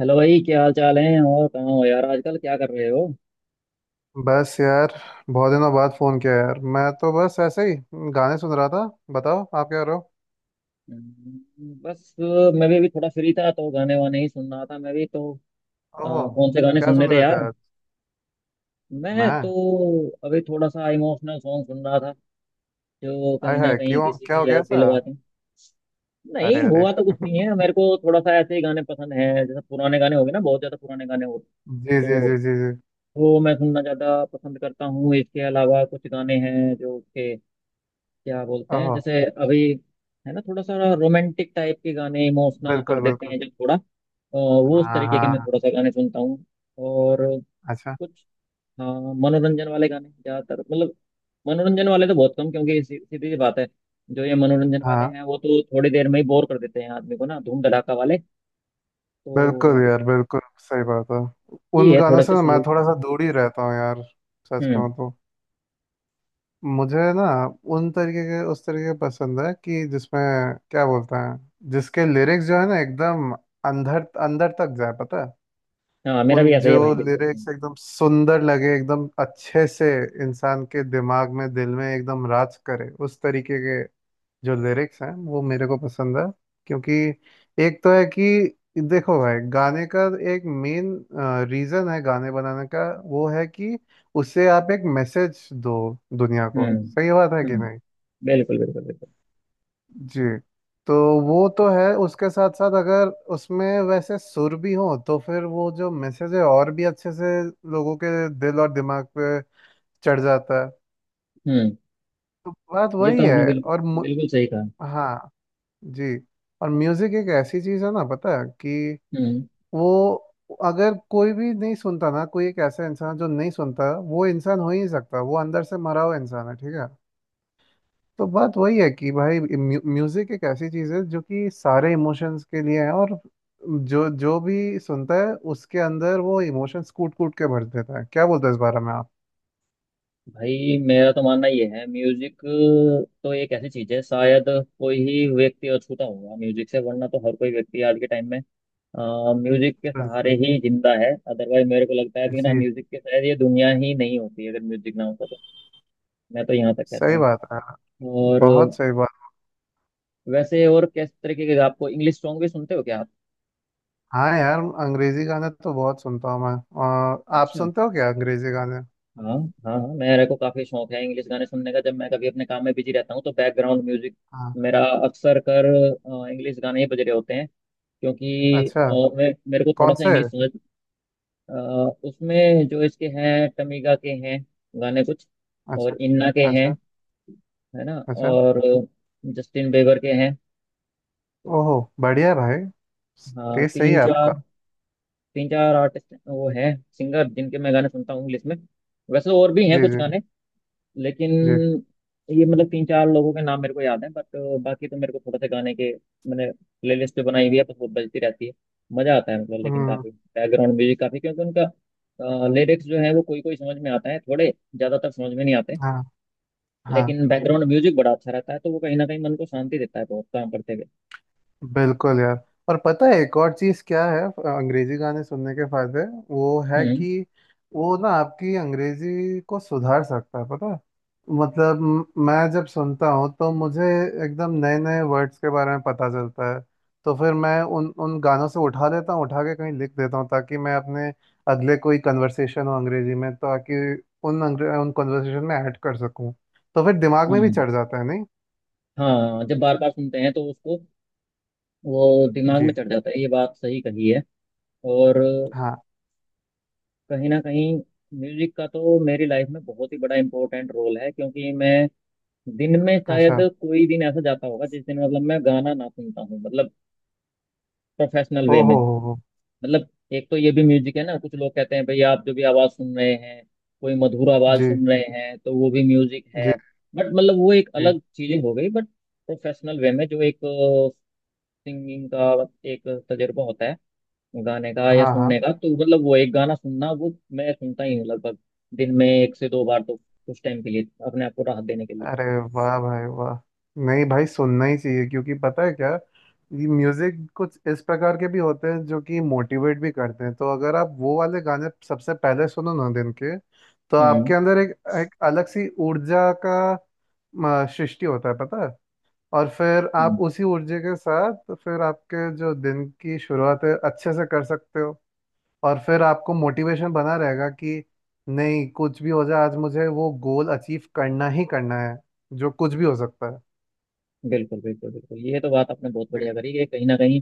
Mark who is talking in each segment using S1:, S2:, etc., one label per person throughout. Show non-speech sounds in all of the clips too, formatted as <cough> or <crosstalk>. S1: Hello भाई, क्या हाल चाल है? और कहाँ हो यार, आजकल क्या कर रहे हो?
S2: बस यार। बहुत दिनों बाद फोन किया यार, मैं तो बस ऐसे ही गाने सुन रहा था। बताओ आप क्या करो।
S1: बस मैं भी अभी थोड़ा फ्री था तो गाने वाने ही सुन रहा था, मैं भी तो। अ,
S2: ओहो।
S1: कौन से गाने
S2: क्या
S1: सुनने
S2: सुन
S1: थे
S2: रहे थे
S1: यार?
S2: यार?
S1: मैं
S2: मैं।
S1: तो अभी थोड़ा सा इमोशनल सॉन्ग सुन रहा था जो
S2: आय
S1: कहीं ना
S2: हाय,
S1: कहीं
S2: क्यों?
S1: किसी
S2: क्या हो
S1: की
S2: गया
S1: याद
S2: ऐसा?
S1: दिलवाते हैं। नहीं
S2: अरे अरे।
S1: हुआ तो कुछ नहीं है, मेरे को थोड़ा सा ऐसे ही गाने पसंद हैं। जैसे पुराने गाने हो गए ना, बहुत ज्यादा पुराने गाने हो,
S2: जी जी जी
S1: तो
S2: जी जी।
S1: वो मैं सुनना ज्यादा पसंद करता हूँ। इसके अलावा कुछ गाने हैं जो के क्या बोलते हैं,
S2: ओहो।
S1: जैसे अभी, है ना, थोड़ा सा रोमांटिक टाइप के गाने इमोशनल कर
S2: बिल्कुल
S1: देते
S2: बिल्कुल।
S1: हैं जो थोड़ा, वो उस
S2: हाँ
S1: तरीके के मैं
S2: हाँ।
S1: थोड़ा सा गाने सुनता हूँ। और
S2: अच्छा।
S1: कुछ, हाँ, मनोरंजन वाले गाने ज्यादातर, मतलब मनोरंजन वाले तो बहुत कम, क्योंकि सीधी सी बात है, जो ये मनोरंजन वाले
S2: हाँ।
S1: हैं वो तो थोड़ी देर में ही बोर कर देते हैं आदमी को ना, धूम धड़ाका वाले।
S2: बिल्कुल
S1: तो
S2: यार, बिल्कुल सही बात है।
S1: ये
S2: उन
S1: है
S2: गानों
S1: थोड़े
S2: से
S1: से
S2: ना मैं
S1: स्लो।
S2: थोड़ा सा दूर ही रहता हूँ यार, सच
S1: हम्म।
S2: कहूँ तो। मुझे ना उन तरीके के उस तरीके पसंद है, कि जिसमें, क्या बोलते हैं, जिसके लिरिक्स जो है ना, एकदम अंदर अंदर तक जाए, पता है।
S1: हाँ, मेरा
S2: उन
S1: भी ऐसा ही
S2: जो
S1: है भाई, बिल्कुल सही।
S2: लिरिक्स एकदम सुंदर लगे, एकदम अच्छे से इंसान के दिमाग में दिल में एकदम राज करे, उस तरीके के जो लिरिक्स हैं वो मेरे को पसंद है। क्योंकि एक तो है कि, देखो भाई, गाने का एक मेन रीजन है गाने बनाने का, वो है कि उससे आप एक मैसेज दो दुनिया को।
S1: हम्म।
S2: सही बात है कि
S1: हम्म।
S2: नहीं?
S1: बिल्कुल बिल्कुल बिल्कुल।
S2: जी। तो वो तो है, उसके साथ साथ अगर उसमें वैसे सुर भी हो तो फिर वो जो मैसेज है और भी अच्छे से लोगों के दिल और दिमाग पे चढ़ जाता है।
S1: हम्म।
S2: तो बात
S1: ये
S2: वही
S1: तो आपने
S2: है।
S1: बिल्कुल
S2: और मु-
S1: बिल्कुल सही कहा।
S2: हाँ। जी। और म्यूजिक एक ऐसी चीज है ना, पता है कि
S1: हम्म।
S2: वो, अगर कोई भी नहीं सुनता ना, कोई एक ऐसा इंसान जो नहीं सुनता, वो इंसान हो ही नहीं सकता, वो अंदर से मरा हुआ इंसान है, ठीक है। तो बात वही है कि भाई म्यूजिक एक ऐसी चीज है जो कि सारे इमोशंस के लिए है, और जो जो भी सुनता है उसके अंदर वो इमोशंस कूट कूट के भर देता है। क्या बोलते हैं इस बारे में आप?
S1: भाई, मेरा तो मानना ये है, म्यूजिक तो एक ऐसी चीज है शायद, कोई ही व्यक्ति अछूता होगा म्यूजिक से, वरना तो हर कोई व्यक्ति आज के टाइम में म्यूजिक के सहारे
S2: बिल्कुल।
S1: ही जिंदा है। अदरवाइज मेरे को लगता है कि ना,
S2: जी।
S1: म्यूजिक के शायद ये दुनिया ही नहीं होती अगर म्यूजिक ना होता तो। मैं तो यहाँ तक कहता
S2: सही
S1: हूँ।
S2: बात है,
S1: और
S2: बहुत सही बात।
S1: वैसे, और किस तरीके के, आपको इंग्लिश सॉन्ग भी सुनते हो क्या आप?
S2: हाँ यार, अंग्रेजी गाने तो बहुत सुनता हूँ मैं। और आप
S1: अच्छा।
S2: सुनते हो क्या अंग्रेजी गाने?
S1: हाँ। हाँ हाँ, मेरे को काफी शौक है इंग्लिश गाने सुनने का, जब मैं कभी अपने काम में बिजी रहता हूँ तो बैकग्राउंड म्यूजिक
S2: हाँ।
S1: मेरा अक्सर कर, इंग्लिश गाने ही बज रहे होते हैं। क्योंकि
S2: अच्छा।
S1: और मैं, मेरे को
S2: कौन
S1: थोड़ा सा
S2: से?
S1: इंग्लिश समझ, अ, उसमें जो इसके हैं, टमीगा के हैं गाने कुछ,
S2: अच्छा।
S1: और इन्ना के हैं,
S2: अच्छा।
S1: है ना,
S2: अच्छा।
S1: और जस्टिन बेबर के हैं।
S2: ओहो। बढ़िया भाई।
S1: हाँ,
S2: टेस्ट सही
S1: तीन
S2: है
S1: चार,
S2: आपका।
S1: तीन चार आर्टिस्ट वो हैं, सिंगर, जिनके मैं गाने सुनता हूँ इंग्लिश में। वैसे और भी हैं
S2: जी
S1: कुछ
S2: जी
S1: गाने, लेकिन
S2: जी।
S1: ये मतलब तीन चार लोगों के नाम मेरे को याद है, बट बाकी तो मेरे को थोड़ा सा गाने के मैंने प्लेलिस्ट पे बनाई हुई है, बस वो बजती रहती है। मजा आता है मतलब, लेकिन
S2: हम्म।
S1: काफी बैकग्राउंड म्यूजिक काफी, क्योंकि उनका लिरिक्स जो है वो कोई कोई समझ में आता है, थोड़े ज्यादातर समझ में नहीं आते।
S2: हाँ हाँ।
S1: लेकिन बैकग्राउंड म्यूजिक बड़ा अच्छा रहता है, तो वो कहीं ना कहीं मन को शांति देता है बहुत, काम करते हुए।
S2: बिल्कुल यार। और पता है एक और चीज़ क्या है अंग्रेजी गाने सुनने के फायदे? वो है
S1: हम्म।
S2: कि वो ना आपकी अंग्रेजी को सुधार सकता है, पता है। मतलब मैं जब सुनता हूँ तो मुझे एकदम नए नए वर्ड्स के बारे में पता चलता है। तो फिर मैं उन उन गानों से उठा देता हूँ, उठा के कहीं लिख देता हूँ, ताकि मैं अपने अगले कोई कन्वर्सेशन हो अंग्रेजी में, ताकि उन कन्वर्सेशन में ऐड कर सकूँ, तो फिर दिमाग में भी
S1: हम्म।
S2: चढ़ जाता है, नहीं?
S1: हाँ, जब बार बार सुनते हैं तो उसको, वो दिमाग
S2: जी।
S1: में चढ़ जाता है, ये बात सही कही है। और
S2: हाँ।
S1: कहीं ना कहीं म्यूजिक का तो मेरी लाइफ में बहुत ही बड़ा इंपॉर्टेंट रोल है, क्योंकि मैं दिन में शायद
S2: अच्छा।
S1: कोई दिन ऐसा जाता होगा जिस दिन मतलब मैं गाना ना सुनता हूँ, मतलब प्रोफेशनल
S2: ओ
S1: वे में।
S2: हो हो।
S1: मतलब एक तो ये भी म्यूजिक है ना, कुछ लोग कहते हैं भाई आप जो भी आवाज़ सुन रहे हैं, कोई मधुर आवाज़
S2: जी
S1: सुन रहे हैं तो वो भी म्यूजिक
S2: जी
S1: है। बट मतलब वो एक
S2: जी।
S1: अलग चीज़ें हो गई, बट प्रोफेशनल वे में जो एक सिंगिंग का एक तजुर्बा होता है गाने का या
S2: हाँ हाँ।
S1: सुनने का, तो मतलब वो एक गाना सुनना, वो मैं सुनता ही हूँ लगभग दिन में एक से दो बार, तो कुछ टाइम के लिए अपने आप को राहत देने के लिए।
S2: अरे वाह भाई वाह। नहीं भाई, सुनना ही चाहिए, क्योंकि पता है क्या, ये म्यूजिक कुछ इस प्रकार के भी होते हैं जो कि मोटिवेट भी करते हैं। तो अगर आप वो वाले गाने सबसे पहले सुनो ना दिन के, तो
S1: हम्म।
S2: आपके अंदर एक, एक अलग सी ऊर्जा का सृष्टि होता है, पता है। और फिर आप
S1: हम्म,
S2: उसी ऊर्जा के साथ फिर आपके जो दिन की शुरुआत है अच्छे से कर सकते हो। और फिर आपको मोटिवेशन बना रहेगा कि नहीं, कुछ भी हो जाए आज मुझे वो गोल अचीव करना ही करना है, जो कुछ भी हो सकता है।
S1: बिल्कुल बिल्कुल बिल्कुल, ये तो बात आपने बहुत
S2: जी।
S1: बढ़िया करी, कि कहीं ना कहीं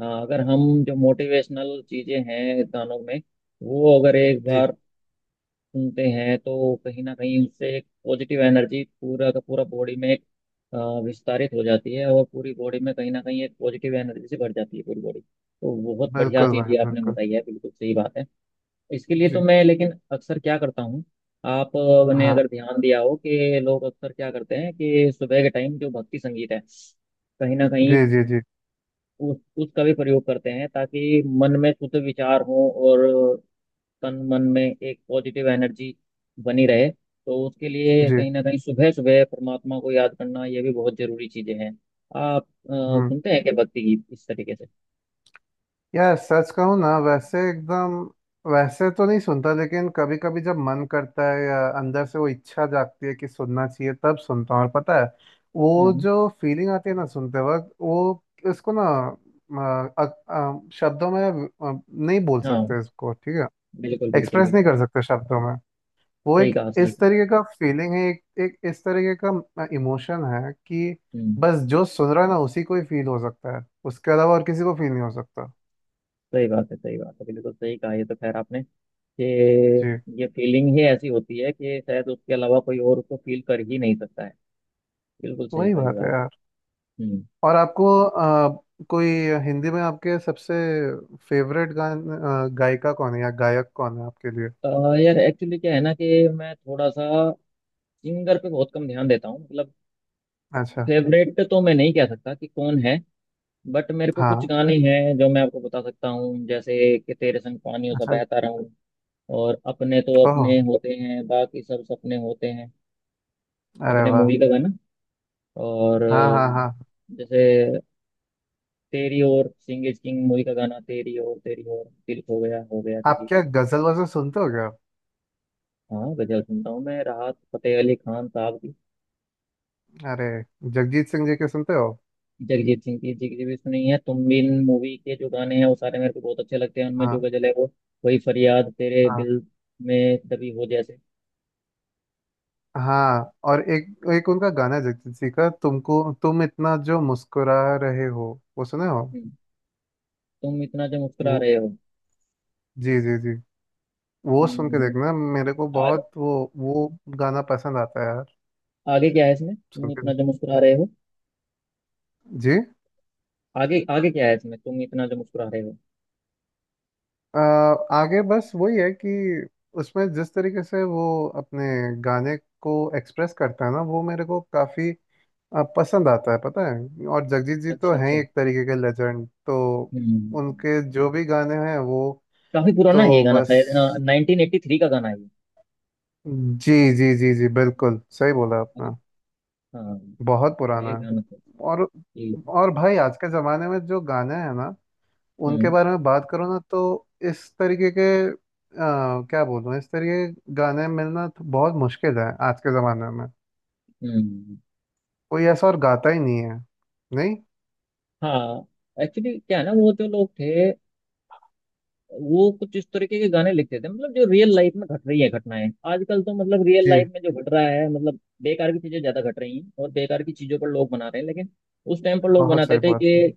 S1: अगर हम जो मोटिवेशनल चीजें हैं गानों में, वो अगर एक
S2: जी।
S1: बार सुनते हैं, तो कहीं ना कहीं उससे एक पॉजिटिव एनर्जी पूरा का पूरा बॉडी में एक, विस्तारित हो जाती है और पूरी बॉडी में कहीं ना कहीं एक पॉजिटिव एनर्जी से भर जाती है पूरी बॉडी। तो बहुत बढ़िया
S2: बिल्कुल
S1: चीज़
S2: भाई
S1: ये आपने
S2: बिल्कुल।
S1: बताई है, बिल्कुल सही बात है। इसके लिए तो
S2: जी।
S1: मैं लेकिन अक्सर क्या करता हूँ, आपने
S2: हाँ।
S1: अगर ध्यान दिया हो कि लोग अक्सर क्या करते हैं, कि सुबह के टाइम जो भक्ति संगीत है, कहीं ना कहीं
S2: जी जी जी
S1: उस, उसका भी प्रयोग करते हैं, ताकि मन में शुद्ध विचार हो और तन मन में एक पॉजिटिव एनर्जी बनी रहे। तो उसके लिए
S2: जी।
S1: कहीं ना कहीं सुबह सुबह परमात्मा को याद करना, ये भी बहुत जरूरी चीजें हैं। आप
S2: हम्म।
S1: सुनते हैं क्या भक्ति गीत इस तरीके से?
S2: यार सच कहूँ ना, वैसे एकदम वैसे तो नहीं सुनता, लेकिन कभी कभी जब मन करता है या अंदर से वो इच्छा जागती है कि सुनना चाहिए तब सुनता हूँ। और पता है वो
S1: हम्म।
S2: जो फीलिंग आती है ना सुनते वक्त, वो इसको ना अ, अ, शब्दों में नहीं बोल
S1: हाँ,
S2: सकते इसको, ठीक है।
S1: बिल्कुल बिल्कुल
S2: एक्सप्रेस नहीं
S1: बिल्कुल।
S2: कर सकते शब्दों में। वो
S1: सही
S2: एक
S1: कहा, सही
S2: इस
S1: कहा।
S2: तरीके का फीलिंग है, एक इस तरीके का इमोशन है कि
S1: हम्म।
S2: बस जो सुन रहा है ना उसी को ही फील हो सकता है, उसके अलावा और किसी को फील नहीं हो सकता।
S1: सही बात है, सही बात है, बिल्कुल सही कहा। ये तो खैर आपने, कि ये फीलिंग ही ऐसी होती है कि शायद उसके अलावा कोई और उसको फील कर ही नहीं सकता है। बिल्कुल सही
S2: वही
S1: कहा ये
S2: बात है
S1: आप।
S2: यार।
S1: हम्म।
S2: और आपको कोई हिंदी में आपके सबसे फेवरेट गायिका कौन है या गायक कौन है आपके लिए?
S1: अ, यार एक्चुअली क्या है ना कि मैं थोड़ा सा सिंगर पे बहुत कम ध्यान देता हूँ, मतलब
S2: अच्छा।
S1: फेवरेट तो मैं नहीं कह सकता कि कौन है, बट मेरे को कुछ
S2: हाँ।
S1: गाने हैं जो मैं आपको बता सकता हूँ, जैसे कि तेरे संग पानियों सा
S2: अच्छा।
S1: बहता रहूं, और अपने तो
S2: ओह।
S1: अपने होते हैं बाकी सब सपने होते हैं,
S2: अरे
S1: अपने
S2: वाह।
S1: मूवी का गाना। और
S2: हाँ हाँ हाँ।
S1: जैसे तेरी और सिंह इज किंग मूवी का गाना, तेरी और, तेरी और दिल खो गया हो गया
S2: आप
S1: किसी
S2: क्या
S1: का।
S2: गजल वजल सुनते हो क्या?
S1: हाँ, गजल सुनता हूँ मैं, राहत फतेह अली खान साहब।
S2: अरे। जगजीत सिंह जी के सुनते हो?
S1: जगजीत सिंह की, जी की भी सुनी है, तुम बिन मूवी के जो गाने हैं वो सारे मेरे को बहुत अच्छे लगते हैं, उनमें जो
S2: हाँ
S1: गजल है, वो कोई फरियाद तेरे
S2: हाँ।
S1: दिल में दबी हो जैसे।
S2: हाँ और एक एक उनका गाना है जगजीत जी का, तुम इतना जो मुस्कुरा रहे हो, वो सुने हो?
S1: हम्म, तुम इतना जो मुस्कुरा
S2: वो।
S1: रहे हो।
S2: जी जी जी। वो सुन के
S1: हम्म।
S2: देखना, मेरे को
S1: आ,
S2: बहुत वो गाना पसंद आता है
S1: आगे क्या है इसमें तुम इतना
S2: सुनकर।
S1: जो मुस्कुरा रहे हो,
S2: जी।
S1: आगे आगे क्या है इसमें तुम इतना जो मुस्कुरा रहे हो।
S2: अ, आगे बस वही है कि उसमें जिस तरीके से वो अपने गाने को एक्सप्रेस करता है ना वो मेरे को काफी पसंद आता है, पता है। और जगजीत जी तो
S1: अच्छा,
S2: हैं ही
S1: अच्छा।
S2: एक तरीके के लेजेंड, तो
S1: हम्म।
S2: उनके जो भी गाने हैं वो।
S1: काफी पुराना है ये
S2: तो
S1: गाना
S2: बस।
S1: शायद। हाँ, 1983 का गाना है ये।
S2: जी जी जी जी, बिल्कुल सही बोला
S1: है
S2: आपने।
S1: ना? हाँ।
S2: बहुत
S1: ये
S2: पुराना है।
S1: गाना
S2: और
S1: ये।
S2: और भाई आज के जमाने में जो गाने हैं ना उनके
S1: हम्म।
S2: बारे में बात करो ना, तो इस तरीके के क्या बोलूँ, इस तरीके के गाने मिलना तो बहुत मुश्किल है आज के ज़माने में।
S1: हम्म।
S2: कोई ऐसा और गाता ही नहीं है। नहीं।
S1: हाँ, एक्चुअली क्या है ना, वो जो लोग थे वो कुछ इस तरीके के गाने लिखते थे, मतलब जो रियल लाइफ में घट रही है घटनाएं। आजकल तो मतलब रियल
S2: जी।
S1: लाइफ में जो घट रहा है, मतलब बेकार की चीजें ज्यादा घट रही हैं और बेकार की चीजों पर लोग बना रहे हैं। लेकिन उस टाइम पर लोग
S2: बहुत
S1: बनाते
S2: सही
S1: थे
S2: बात
S1: कि
S2: बोली।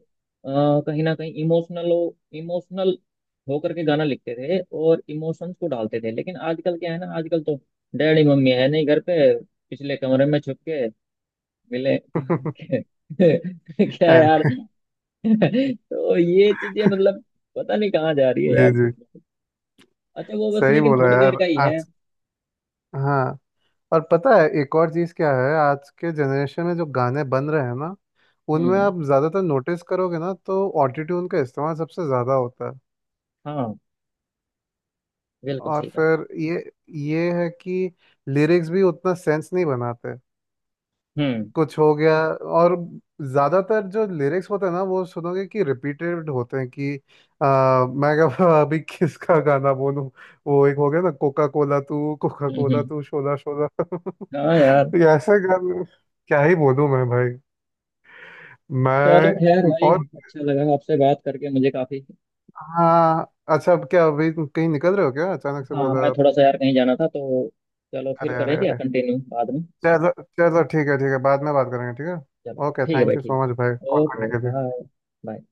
S1: कहीं ना कहीं इमोशनल हो, इमोशनल होकर के गाना लिखते थे और इमोशंस को डालते थे। लेकिन आजकल क्या है ना, आजकल तो, डैडी मम्मी है नहीं घर पे, पिछले कमरे में छुप के मिले
S2: <laughs>
S1: <laughs> क्या
S2: यार।
S1: यार। <laughs> तो ये चीजें मतलब पता नहीं कहाँ जा रही है
S2: जी
S1: यार।
S2: जी।
S1: अच्छा वो बस
S2: सही
S1: लेकिन
S2: बोला
S1: थोड़ी देर
S2: यार।
S1: का ही है।
S2: आज। हाँ। और पता है एक और चीज़ क्या है, आज के जनरेशन में जो गाने बन रहे हैं ना उनमें
S1: हम्म।
S2: आप ज़्यादातर नोटिस करोगे ना, तो ऑटोट्यून का इस्तेमाल सबसे ज़्यादा होता है।
S1: हाँ, बिल्कुल
S2: और
S1: सही कहा।
S2: फिर ये है कि लिरिक्स भी उतना सेंस नहीं बनाते,
S1: हम्म।
S2: कुछ हो गया। और ज्यादातर जो लिरिक्स होते हैं ना वो सुनोगे कि रिपीटेड होते हैं, कि मैं क्या, <laughs> अभी किसका गाना बोलूं, वो एक हो गया ना, कोका
S1: हम्म।
S2: कोला तू शोला शोला, <laughs>
S1: हाँ यार।
S2: तो ऐसे गाने क्या ही बोलूं मैं भाई।
S1: चलो खैर
S2: मैं।
S1: भाई,
S2: और।
S1: अच्छा लगा आपसे बात करके मुझे काफी।
S2: हाँ। अच्छा, अब क्या अभी कहीं निकल रहे हो क्या, अचानक से
S1: हाँ,
S2: बोला
S1: मैं
S2: आप?
S1: थोड़ा सा यार कहीं जाना था तो, चलो फिर
S2: अरे अरे
S1: करेंगे
S2: अरे।
S1: कंटिन्यू बाद में।
S2: चलो चलो, ठीक है ठीक है, बाद में बात करेंगे, ठीक है।
S1: चलो
S2: ओके,
S1: ठीक है भाई,
S2: थैंक यू
S1: ठीक
S2: सो मच भाई,
S1: है,
S2: कॉल करने
S1: ओके
S2: के लिए।
S1: बाय। बाय।